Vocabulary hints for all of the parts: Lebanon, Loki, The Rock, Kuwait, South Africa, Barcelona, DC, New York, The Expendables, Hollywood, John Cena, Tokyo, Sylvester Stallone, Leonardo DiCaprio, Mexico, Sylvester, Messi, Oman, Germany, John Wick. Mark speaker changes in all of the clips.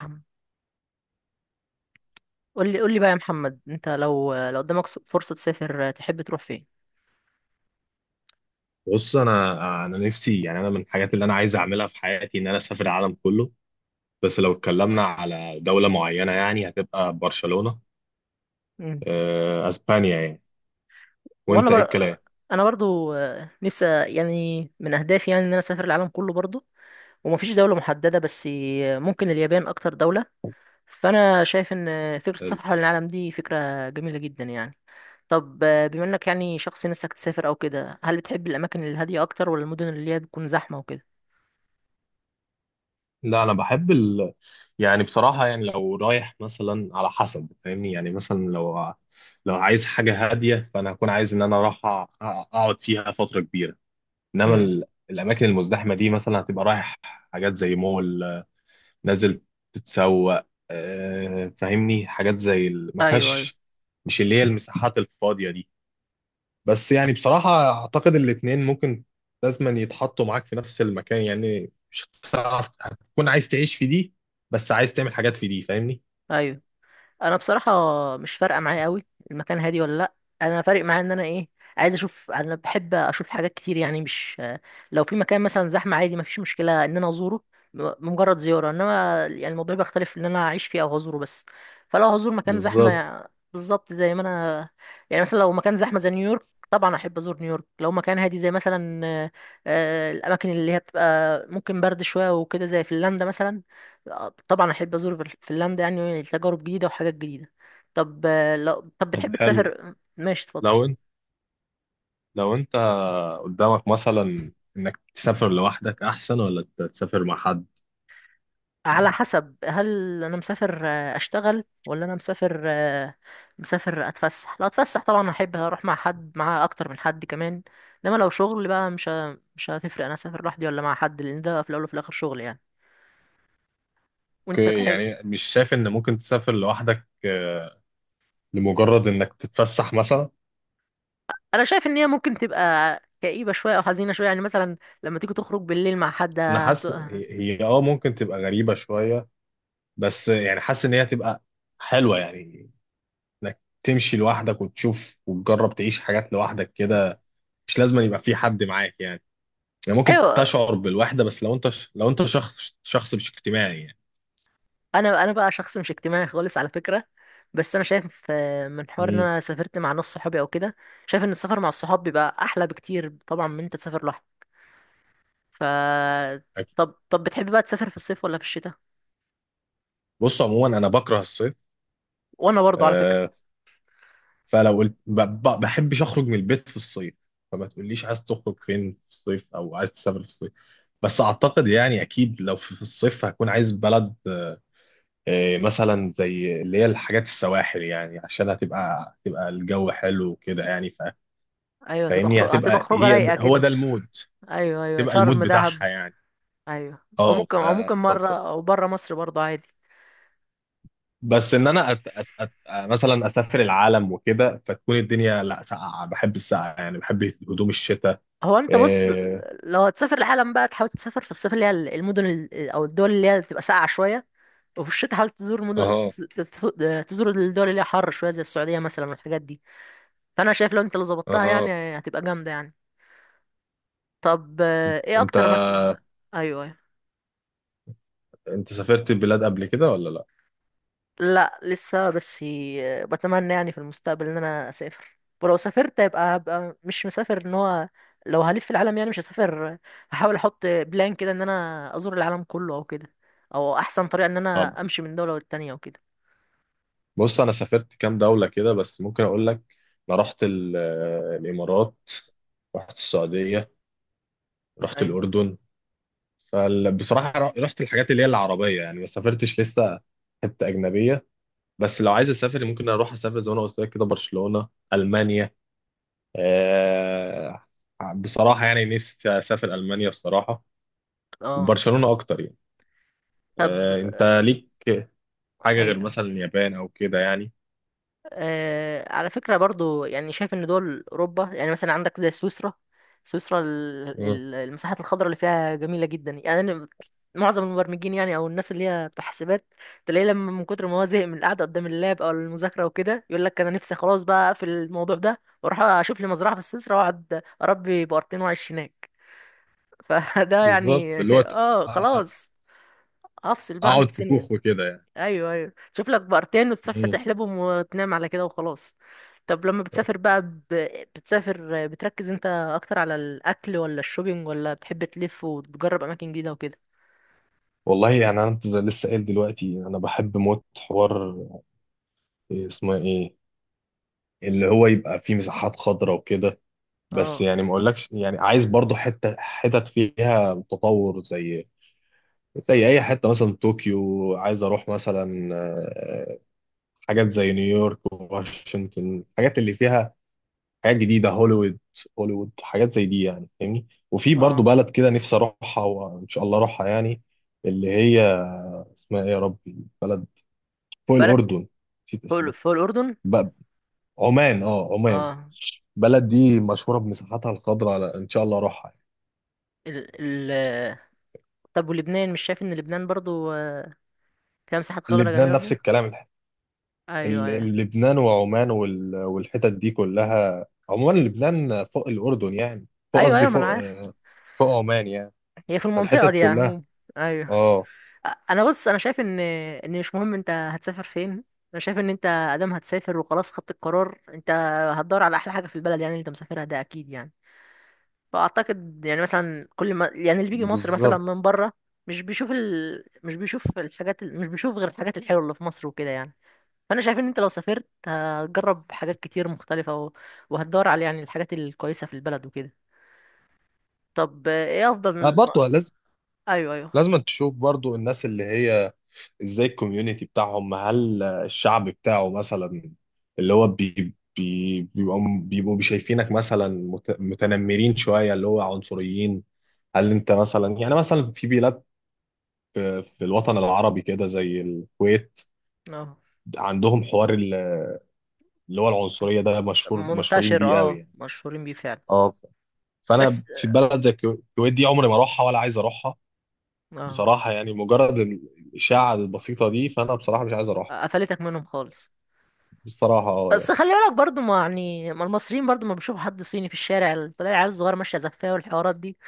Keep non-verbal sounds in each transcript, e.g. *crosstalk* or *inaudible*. Speaker 1: محمد، قول لي بقى يا محمد انت لو قدامك فرصة تسافر تحب تروح فين؟
Speaker 2: بص انا نفسي، يعني انا من الحاجات اللي انا عايز اعملها في حياتي ان انا اسافر العالم كله. بس لو اتكلمنا على دولة معينة يعني هتبقى برشلونة.
Speaker 1: مم.
Speaker 2: اسبانيا يعني.
Speaker 1: وانا
Speaker 2: وانت ايه
Speaker 1: بر...
Speaker 2: الكلام؟
Speaker 1: انا برضو نفسي يعني من اهدافي يعني ان انا اسافر العالم كله برضو، ومفيش دولة محددة بس ممكن اليابان اكتر دولة. فانا شايف ان فكرة السفر حول العالم دي فكرة جميلة جدا يعني. طب بما انك يعني شخص نفسك تسافر او كده، هل بتحب الاماكن الهادية اكتر ولا المدن اللي هي بتكون زحمة وكده؟
Speaker 2: لا انا بحب يعني بصراحة، يعني لو رايح مثلا، على حسب، فاهمني، يعني مثلا لو عايز حاجة هادية فانا هكون عايز ان انا راح اقعد فيها فترة كبيرة. انما
Speaker 1: مم.
Speaker 2: الاماكن المزدحمة دي مثلا هتبقى رايح حاجات زي مول، نازل تتسوق، فاهمني، حاجات زي ما
Speaker 1: ايوه ايوه.
Speaker 2: فيهاش، مش اللي هي المساحات الفاضية دي. بس يعني بصراحة أعتقد الاتنين ممكن لازما يتحطوا معاك في نفس المكان، يعني مش هتعرف هتكون عايز تعيش في دي بس عايز تعمل حاجات في دي، فاهمني.
Speaker 1: ايوه انا بصراحه مش فارقه معايا قوي المكان هادي ولا لا. انا فارق معايا ان انا ايه، عايز اشوف، انا بحب اشوف حاجات كتير يعني. مش لو في مكان مثلا زحمه عادي، مفيش مشكله ان انا ازوره، مجرد زياره، انما يعني الموضوع بيختلف ان انا اعيش فيه او هزوره بس. فلو هزور مكان
Speaker 2: بالظبط
Speaker 1: زحمه بالظبط زي ما انا يعني مثلا لو مكان زحمه زي نيويورك طبعا احب ازور نيويورك. لو مكان هادي زي مثلا الاماكن اللي هي بتبقى ممكن برد شويه وكده زي فنلندا مثلا، طبعا احب ازور فنلندا، يعني تجارب جديده وحاجات جديده. طب آه، لو طب
Speaker 2: طب
Speaker 1: بتحب
Speaker 2: حلو،
Speaker 1: تسافر، ماشي اتفضل.
Speaker 2: لو انت لو انت قدامك مثلا انك تسافر لوحدك احسن ولا تسافر مع حد؟
Speaker 1: على حسب، هل انا مسافر اشتغل ولا انا مسافر مسافر اتفسح. لو اتفسح طبعا احب اروح مع حد، مع اكتر من حد كمان. انما لو شغل بقى مش هتفرق انا اسافر لوحدي ولا مع حد، لان ده في الاول وفي الاخر شغل يعني. وانت
Speaker 2: اوكي،
Speaker 1: تحب.
Speaker 2: يعني مش شايف ان ممكن تسافر لوحدك لمجرد انك تتفسح مثلا؟
Speaker 1: انا شايف ان هي ممكن تبقى كئيبه شويه او حزينه شويه يعني، مثلا لما تيجي تخرج بالليل مع حد
Speaker 2: انا حاسس هي، هي اه ممكن تبقى غريبة شوية، بس يعني حاسس ان هي هتبقى حلوة، يعني انك تمشي لوحدك وتشوف وتجرب تعيش حاجات لوحدك كده، مش لازم يبقى في حد معاك يعني. يعني ممكن
Speaker 1: ايوه.
Speaker 2: تشعر بالوحدة بس لو انت، لو انت شخص مش اجتماعي يعني.
Speaker 1: انا بقى شخص مش اجتماعي خالص على فكره. بس انا شايف من حوار ان
Speaker 2: امم.
Speaker 1: انا سافرت مع ناس صحابي او كده، شايف ان السفر مع الصحاب بيبقى احلى بكتير طبعا من انت تسافر لوحدك. ف
Speaker 2: أكيد.
Speaker 1: طب بتحب بقى تسافر في الصيف ولا في الشتاء؟
Speaker 2: بص عموما انا بكره الصيف.
Speaker 1: وانا برضه على فكره.
Speaker 2: آه، فلو قلت بحبش اخرج من البيت في الصيف، فما تقوليش عايز تخرج فين في الصيف او عايز تسافر في الصيف. بس اعتقد، يعني اكيد لو في الصيف هكون عايز بلد، مثلا زي اللي هي الحاجات السواحل يعني، عشان هتبقى الجو حلو وكده يعني،
Speaker 1: ايوه هتبقى
Speaker 2: فاهمني،
Speaker 1: خروج، هتبقى
Speaker 2: هتبقى
Speaker 1: خروجه
Speaker 2: هي
Speaker 1: رايقه
Speaker 2: هو
Speaker 1: كده.
Speaker 2: ده المود،
Speaker 1: ايوه ايوه،
Speaker 2: تبقى المود
Speaker 1: شرم
Speaker 2: بتاعها
Speaker 1: دهب.
Speaker 2: يعني.
Speaker 1: ايوه. او
Speaker 2: اه
Speaker 1: ممكن
Speaker 2: ف
Speaker 1: مره
Speaker 2: فبصراحة،
Speaker 1: او بره مصر برضه عادي.
Speaker 2: بس ان انا أت أت أت مثلا اسافر العالم وكده، فتكون الدنيا لا، ساقعه، بحب السقعه يعني، بحب هدوم الشتاء.
Speaker 1: هو انت بص،
Speaker 2: إيه،
Speaker 1: لو هتسافر العالم بقى تحاول تسافر في الصيف اللي هي المدن ال- او الدول اللي هي بتبقى ساقعه شويه، وفي الشتاء حاول تزور
Speaker 2: اها
Speaker 1: تزور الدول اللي هي حر شويه زي السعوديه مثلا والحاجات دي. فانا شايف لو انت اللي ظبطتها يعني
Speaker 2: اها
Speaker 1: هتبقى جامده يعني. طب ايه
Speaker 2: انت،
Speaker 1: اكتر مكان؟ ايوه ايوه.
Speaker 2: انت سافرت بلاد قبل كده ولا لا؟
Speaker 1: لا لسه بس بتمنى يعني في المستقبل ان انا اسافر. ولو سافرت يبقى هبقى مش مسافر ان هو لو هلف في العالم يعني، مش هسافر، هحاول احط بلان كده ان انا ازور العالم كله او كده، او احسن طريقه ان انا امشي من دوله للتانيه وكده.
Speaker 2: بص انا سافرت كام دولة كده، بس ممكن اقول لك. انا رحت الامارات، رحت السعودية، رحت
Speaker 1: ايوه.
Speaker 2: الاردن. فبصراحة رحت الحاجات اللي هي العربية يعني، ما سافرتش لسه حتة اجنبية. بس لو عايز اسافر ممكن اروح اسافر زي ما انا قلت لك كده، برشلونة، المانيا، آه، بصراحة يعني نفسي اسافر المانيا بصراحة،
Speaker 1: اه.
Speaker 2: وبرشلونة اكتر يعني.
Speaker 1: طب.
Speaker 2: انت ليك حاجة غير
Speaker 1: ايوه
Speaker 2: مثلا اليابان او كده يعني؟
Speaker 1: على فكرة برضو، يعني شايف ان دول اوروبا يعني مثلا عندك زي سويسرا. سويسرا
Speaker 2: آه،
Speaker 1: المساحات الخضراء اللي فيها جميلة جدا يعني. أنا معظم المبرمجين يعني او الناس اللي هي بتوع حسابات، تلاقيه لما من كتر ما هو زهق من القعدة قدام اللاب او المذاكرة وكده يقول لك انا نفسي خلاص بقى اقفل الموضوع ده واروح اشوف لي مزرعة في سويسرا واقعد اربي بقرتين واعيش هناك. *laughs* فده يعني
Speaker 2: بالظبط، اللي هو
Speaker 1: *laughs* اه خلاص، افصل بقى عن
Speaker 2: اقعد في
Speaker 1: الدنيا.
Speaker 2: كوخ وكده يعني.
Speaker 1: ايوه ايوه، شوف لك بقرتين والصبح
Speaker 2: مم.
Speaker 1: تحلبهم وتنام على كده وخلاص. طب لما بتسافر بقى بتسافر بتركز انت اكتر على الاكل ولا الشوبينج ولا بتحب تلف وتجرب اماكن جديده وكده؟
Speaker 2: والله يعني انا زي لسه قايل دلوقتي، انا بحب موت حوار، إيه اسمه، ايه اللي هو يبقى فيه مساحات خضراء وكده. بس
Speaker 1: اه.
Speaker 2: يعني ما اقولكش، يعني عايز برضو حته، حتت فيها تطور زي زي اي حته، مثلا طوكيو، عايز اروح مثلا حاجات زي نيويورك وواشنطن، الحاجات اللي فيها حاجات جديده، هوليوود، هوليوود، حاجات زي دي يعني، فاهمني. وفي برضو
Speaker 1: اه.
Speaker 2: بلد كده نفسي اروحها وان شاء الله اروحها يعني، اللي هي، اسمها ايه يا ربي؟ بلد فوق
Speaker 1: بلد
Speaker 2: الأردن، نسيت
Speaker 1: في
Speaker 2: اسمها.
Speaker 1: في الاردن.
Speaker 2: ب- عمان، اه عمان.
Speaker 1: اه.
Speaker 2: بلد دي مشهورة بمساحاتها الخضراء، على، إن شاء الله أروحها يعني.
Speaker 1: ال... ال... طب ولبنان، مش شايف ان لبنان برضو فيها مساحات خضراء جميله
Speaker 2: لبنان نفس
Speaker 1: وكده؟
Speaker 2: الكلام،
Speaker 1: ايوه ايوه.
Speaker 2: لبنان وعمان والحتت دي كلها عموما، لبنان فوق الأردن يعني، فوق،
Speaker 1: ايوه
Speaker 2: قصدي
Speaker 1: ايوه ما
Speaker 2: فوق
Speaker 1: انا عارف.
Speaker 2: فوق عمان يعني،
Speaker 1: هي في المنطقه
Speaker 2: الحتت
Speaker 1: دي يعني
Speaker 2: كلها.
Speaker 1: عموما. ايوه.
Speaker 2: اه.
Speaker 1: انا بص، انا شايف ان مش مهم انت هتسافر فين، انا شايف ان انت ادام هتسافر وخلاص خدت القرار، انت هتدور على احلى حاجه في البلد يعني اللي انت مسافرها ده اكيد يعني. فاعتقد يعني مثلا كل ما يعني اللي بيجي مصر مثلا
Speaker 2: بالظبط.
Speaker 1: من بره مش بيشوف ال... مش بيشوف الحاجات ال- مش بيشوف غير الحاجات الحلوه اللي في مصر وكده يعني. فانا شايف ان انت لو سافرت هتجرب حاجات كتير مختلفه و... وهتدور على يعني الحاجات الكويسه في البلد وكده. طب ايه
Speaker 2: آه
Speaker 1: افضل.
Speaker 2: برضو لازم،
Speaker 1: ايوه ايوه.
Speaker 2: لازم تشوف برضو الناس اللي هي ازاي الكوميونتي بتاعهم، هل الشعب بتاعه مثلا اللي هو بي بي بيبقوا شايفينك مثلا متنمرين شوية، اللي هو عنصريين. هل انت مثلا، يعني مثلا في بلاد، في الوطن العربي كده زي الكويت،
Speaker 1: اه
Speaker 2: عندهم حوار اللي هو العنصرية ده، مشهور، مشهورين
Speaker 1: منتشر،
Speaker 2: بيه قوي
Speaker 1: اه
Speaker 2: يعني.
Speaker 1: مشهورين بيه فعلا.
Speaker 2: اه.
Speaker 1: بس
Speaker 2: فانا في بلد زي الكويت دي عمري ما اروحها ولا عايز اروحها
Speaker 1: اه.
Speaker 2: بصراحة يعني، مجرد الإشاعة البسيطة دي، فأنا بصراحة مش عايز أروح.
Speaker 1: قفلتك منهم خالص.
Speaker 2: بصراحة اه
Speaker 1: بس
Speaker 2: يعني.
Speaker 1: خلي بالك برضو، ما يعني ما المصريين برضو ما بيشوفوا حد صيني في الشارع تلاقي العيال الصغيره ماشيه زفاه والحوارات دي.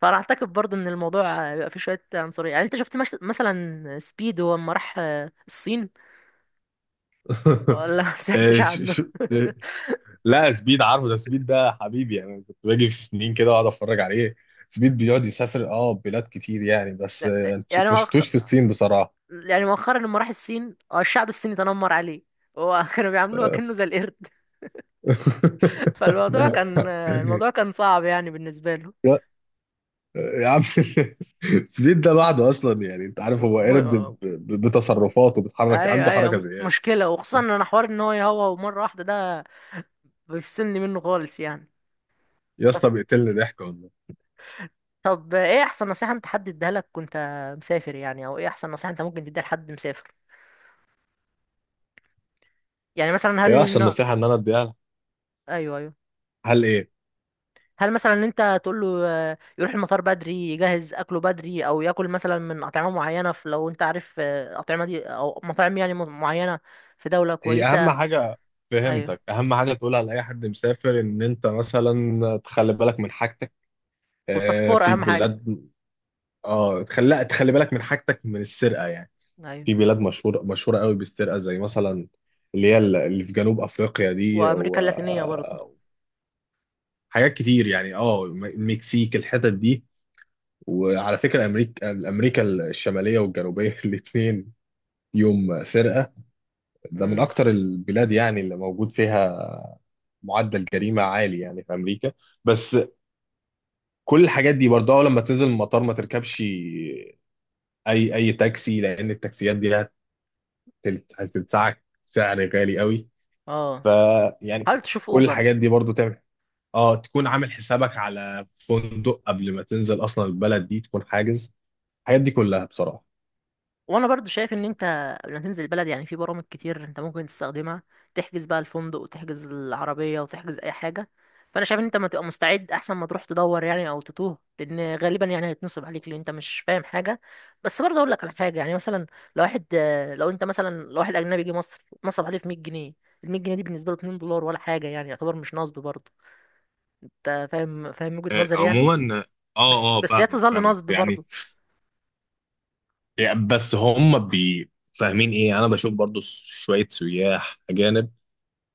Speaker 1: فانا اعتقد برضو ان الموضوع بيبقى فيه شويه عنصريه يعني. انت شفت مش... مثلا سبيدو لما راح الصين ولا ما سمعتش
Speaker 2: آه، ش...
Speaker 1: عنه؟
Speaker 2: ش...
Speaker 1: *laughs*
Speaker 2: لا، سبيد عارفه، ده سبيد ده حبيبي يعني، كنت باجي في سنين كده واقعد اتفرج عليه. سبيد بيقعد يسافر اه بلاد كتير يعني، بس
Speaker 1: لا.
Speaker 2: أنت
Speaker 1: يعني
Speaker 2: ما
Speaker 1: مؤخ...
Speaker 2: شفتوش في الصين بصراحة.
Speaker 1: يعني مؤخرا لما راح الصين الشعب الصيني تنمر عليه هو. *laughs* كانوا بيعاملوه
Speaker 2: آه.
Speaker 1: كأنه زي القرد. *laughs* فالموضوع كان
Speaker 2: *laughs*
Speaker 1: الموضوع كان صعب يعني بالنسبة
Speaker 2: يا يا عم سبيد ده لوحده اصلا، يعني انت عارف هو
Speaker 1: له.
Speaker 2: قرد بتصرفاته، بيتحرك،
Speaker 1: ايوه
Speaker 2: عنده حركة
Speaker 1: ايوه
Speaker 2: زيادة.
Speaker 1: مشكله. وخصوصا ان انا حوار ان هو يهوى مره واحده ده بيفصلني منه خالص يعني.
Speaker 2: يا
Speaker 1: طب
Speaker 2: اسطى بيقتلني ضحك والله.
Speaker 1: ايه احسن نصيحه انت حد اديها لك وانت مسافر يعني، او ايه احسن نصيحه انت ممكن تديها لحد مسافر يعني؟ مثلا
Speaker 2: ايه
Speaker 1: هل
Speaker 2: احسن نصيحة ان انا اديها لها؟
Speaker 1: ايوه ايوه.
Speaker 2: هل ايه؟
Speaker 1: هل مثلا ان انت تقول له يروح المطار بدري، يجهز اكله بدري، او ياكل مثلا من اطعمه معينه في، لو انت عارف اطعمه دي او مطاعم يعني معينه في دوله
Speaker 2: هي اهم
Speaker 1: كويسه؟
Speaker 2: حاجه،
Speaker 1: ايوه،
Speaker 2: فهمتك، اهم حاجه تقولها لاي حد مسافر ان انت مثلا تخلي بالك من حاجتك
Speaker 1: والباسبور
Speaker 2: في
Speaker 1: اهم حاجه.
Speaker 2: بلاد. اه، تخلي بالك من حاجتك من السرقه يعني،
Speaker 1: ايوه،
Speaker 2: في بلاد مشهوره، مشهوره قوي بالسرقه زي مثلا اللي هي اللي في جنوب افريقيا دي،
Speaker 1: وامريكا اللاتينيه برضو.
Speaker 2: وحاجات كتير يعني. اه المكسيك، الحتت دي. وعلى فكره امريكا، امريكا الشماليه والجنوبيه *laughs* الاثنين، يوم سرقه. ده من
Speaker 1: امم.
Speaker 2: اكتر البلاد يعني اللي موجود فيها معدل جريمه عالي يعني، في امريكا. بس كل الحاجات دي برضه، أول لما تنزل المطار ما تركبش اي تاكسي لان التاكسيات دي هتدفعك سعر غالي قوي.
Speaker 1: اه،
Speaker 2: ف، يعني
Speaker 1: حاول تشوف
Speaker 2: كل
Speaker 1: اوبر.
Speaker 2: الحاجات دي برضه تعمل، اه، تكون عامل حسابك على فندق قبل ما تنزل اصلا البلد دي، تكون حاجز الحاجات دي كلها بصراحه.
Speaker 1: وانا برضو شايف ان انت قبل ما تنزل البلد يعني في برامج كتير انت ممكن تستخدمها، تحجز بقى الفندق وتحجز العربية وتحجز اي حاجة. فانا شايف ان انت ما تبقى مستعد احسن ما تروح تدور يعني او تتوه، لان غالبا يعني هيتنصب عليك لان انت مش فاهم حاجة. بس برضه اقول لك على حاجة، يعني مثلا لو واحد لو انت مثلا، لو واحد اجنبي جه مصر نصب عليه في 100 جنيه، ال 100 جنيه دي بالنسبة له 2 دولار ولا حاجة يعني، يعتبر مش نصب برضه. انت فاهم وجهة نظري يعني.
Speaker 2: عموما
Speaker 1: بس
Speaker 2: اه، اه،
Speaker 1: بس هي
Speaker 2: فاهمك
Speaker 1: تظل
Speaker 2: فاهمك
Speaker 1: نصب
Speaker 2: يعني.
Speaker 1: برضه.
Speaker 2: يعني بس هم بي فاهمين ايه، انا بشوف برضو شويه سياح اجانب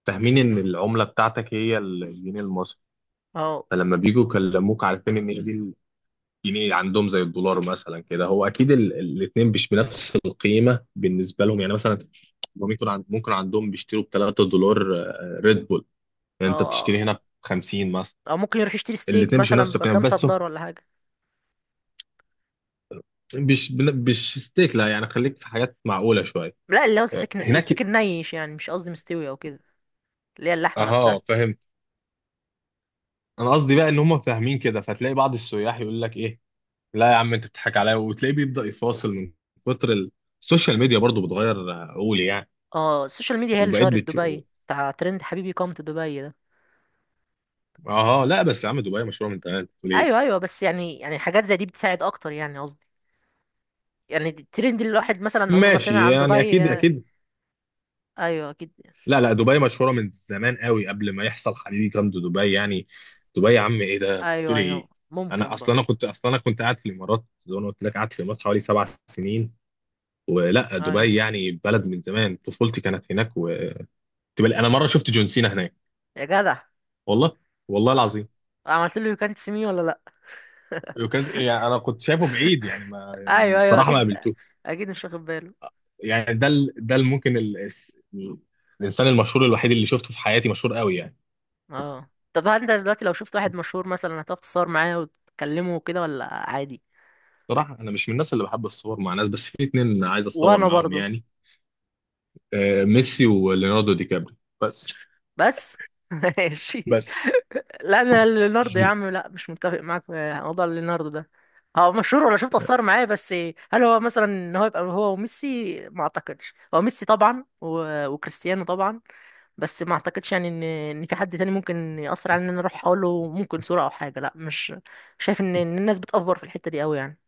Speaker 2: فاهمين ان العمله بتاعتك هي الجنيه المصري،
Speaker 1: اه.
Speaker 2: فلما بيجوا يكلموك عارفين ان هي دي الجنيه عندهم زي الدولار مثلا كده. هو اكيد الاثنين مش بنفس القيمه بالنسبه لهم يعني، مثلا هم ممكن ممكن عندهم بيشتروا ب 3 دولار ريد بول،
Speaker 1: اه.
Speaker 2: يعني انت بتشتري
Speaker 1: اه.
Speaker 2: هنا ب 50 مثلا.
Speaker 1: او ممكن يروح يشتري ستيك
Speaker 2: الاثنين مش
Speaker 1: مثلا
Speaker 2: بنفس القيمه،
Speaker 1: بخمسة
Speaker 2: بس هو
Speaker 1: دولار ولا حاجة.
Speaker 2: مش ستيك، لا يعني خليك في حاجات معقوله شويه.
Speaker 1: لا، اللي هو
Speaker 2: هناك،
Speaker 1: الستيك النيش يعني، مش قصدي مستوي او كده. اللي هي اللحمة نفسها.
Speaker 2: اها، فهمت. انا قصدي بقى ان هم فاهمين كده، فتلاقي بعض السياح يقول لك ايه، لا يا عم انت بتضحك عليا، وتلاقيه بيبدأ يفاصل من كتر السوشيال ميديا برضو بتغير عقولي يعني،
Speaker 1: اه، السوشيال ميديا هي اللي
Speaker 2: وبقيت
Speaker 1: شهرت
Speaker 2: بتشوف.
Speaker 1: دبي، بتاع ترند حبيبي كوم تو دبي ده.
Speaker 2: اه لا بس يا عم دبي مشهورة من زمان، بتقول
Speaker 1: ايوه
Speaker 2: ايه؟
Speaker 1: ايوه. بس يعني، حاجات زي دي بتساعد اكتر يعني، قصدي يعني الترند، اللي الواحد مثلا عمره ما سمع
Speaker 2: ماشي
Speaker 1: عن
Speaker 2: يعني،
Speaker 1: دبي
Speaker 2: اكيد
Speaker 1: يعني.
Speaker 2: اكيد.
Speaker 1: ايوه اكيد.
Speaker 2: لا لا، دبي مشهورة من زمان قوي قبل ما يحصل حبيبي جامد دبي يعني. دبي يا عم ايه ده،
Speaker 1: ايوه
Speaker 2: بتقول ايه؟
Speaker 1: ايوه
Speaker 2: انا
Speaker 1: ممكن
Speaker 2: اصلا
Speaker 1: برضه.
Speaker 2: انا كنت اصلا انا كنت قاعد في الامارات زي ما أنا قلت لك، قاعد في الامارات حوالي 7 سنين. ولا
Speaker 1: ايوه
Speaker 2: دبي يعني بلد من زمان طفولتي كانت هناك، و... انا مره شفت جون سينا هناك.
Speaker 1: يا جدع،
Speaker 2: والله، والله العظيم.
Speaker 1: عملت له يو كانت سي مي ولا لا؟
Speaker 2: وكان
Speaker 1: *laughs*
Speaker 2: يعني انا كنت شايفه بعيد يعني، ما يعني
Speaker 1: ايوه ايوه
Speaker 2: بصراحه ما
Speaker 1: اكيد.
Speaker 2: قابلتوش
Speaker 1: اكيد مش واخد باله.
Speaker 2: يعني. ده الانسان المشهور الوحيد اللي شفته في حياتي، مشهور قوي يعني.
Speaker 1: اه، طب هل انت دلوقتي لو شفت واحد مشهور مثلا هتقف تتصور معاه وتكلمه وكده ولا عادي؟
Speaker 2: بصراحه انا مش من الناس اللي بحب الصور مع ناس، بس في اتنين عايز اتصور
Speaker 1: وانا
Speaker 2: معاهم
Speaker 1: برضه.
Speaker 2: يعني، ميسي وليوناردو دي كابري بس.
Speaker 1: بس *laughs* ماشي.
Speaker 2: بس
Speaker 1: لا انا ليوناردو يا
Speaker 2: *laughs*
Speaker 1: عم لا، مش متفق معاك في موضوع ليوناردو ده. هو مشهور، ولا شفت اتصور معاه بس. هل هو مثلا ان هو يبقى هو وميسي، ما اعتقدش، هو ميسي طبعا وكريستيانو طبعا، بس ما اعتقدش يعني ان في حد تاني ممكن يأثر على ان انا اروح اقول له ممكن صورة او حاجة. لا مش شايف، ان إن الناس بتأفور في الحتة دي قوي يعني.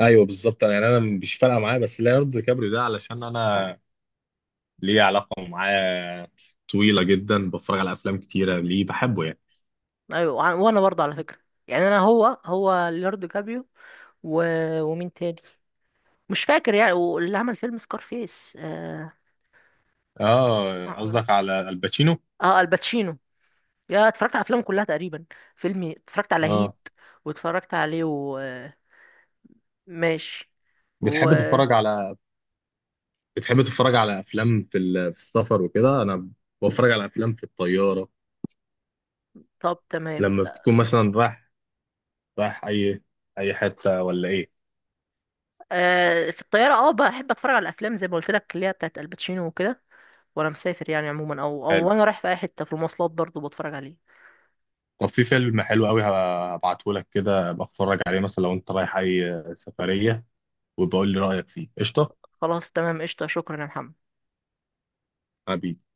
Speaker 2: ايوه بالظبط، يعني انا مش فارقه معايا، بس ليوناردو دي كابري ده علشان انا ليه علاقه معاه طويله جدا، بتفرج على افلام كتيره ليه، بحبه يعني.
Speaker 1: ايوه وانا برضه على فكره. يعني انا هو ليوناردو كابيو و... ومين تاني، مش فاكر يعني، واللي عمل فيلم سكارفيس اه.
Speaker 2: اه
Speaker 1: آه،
Speaker 2: قصدك على الباتشينو.
Speaker 1: الباتشينو، يا اتفرجت على افلامه كلها تقريبا. فيلمي اتفرجت على
Speaker 2: اه.
Speaker 1: هيت واتفرجت عليه وماشي
Speaker 2: بتحب
Speaker 1: و...
Speaker 2: تتفرج على، بتحب تتفرج على افلام في في السفر وكده؟ انا بتفرج على افلام في الطياره
Speaker 1: طب تمام.
Speaker 2: لما بتكون مثلا رايح، رايح اي حته ولا ايه؟
Speaker 1: آه في الطياره اه بحب اتفرج على الافلام زي ما قلت لك اللي هي بتاعت الباتشينو وكده. وانا مسافر يعني عموما، او
Speaker 2: حلو.
Speaker 1: وانا رايح في اي حته في المواصلات برضه بتفرج عليه.
Speaker 2: طب في فيلم حلو قوي هبعته لك كده بتفرج عليه مثلا لو انت رايح اي سفريه، وبقول لي رايك فيه، قشطه؟
Speaker 1: خلاص تمام، قشطه، شكرا يا محمد.
Speaker 2: حبيبي.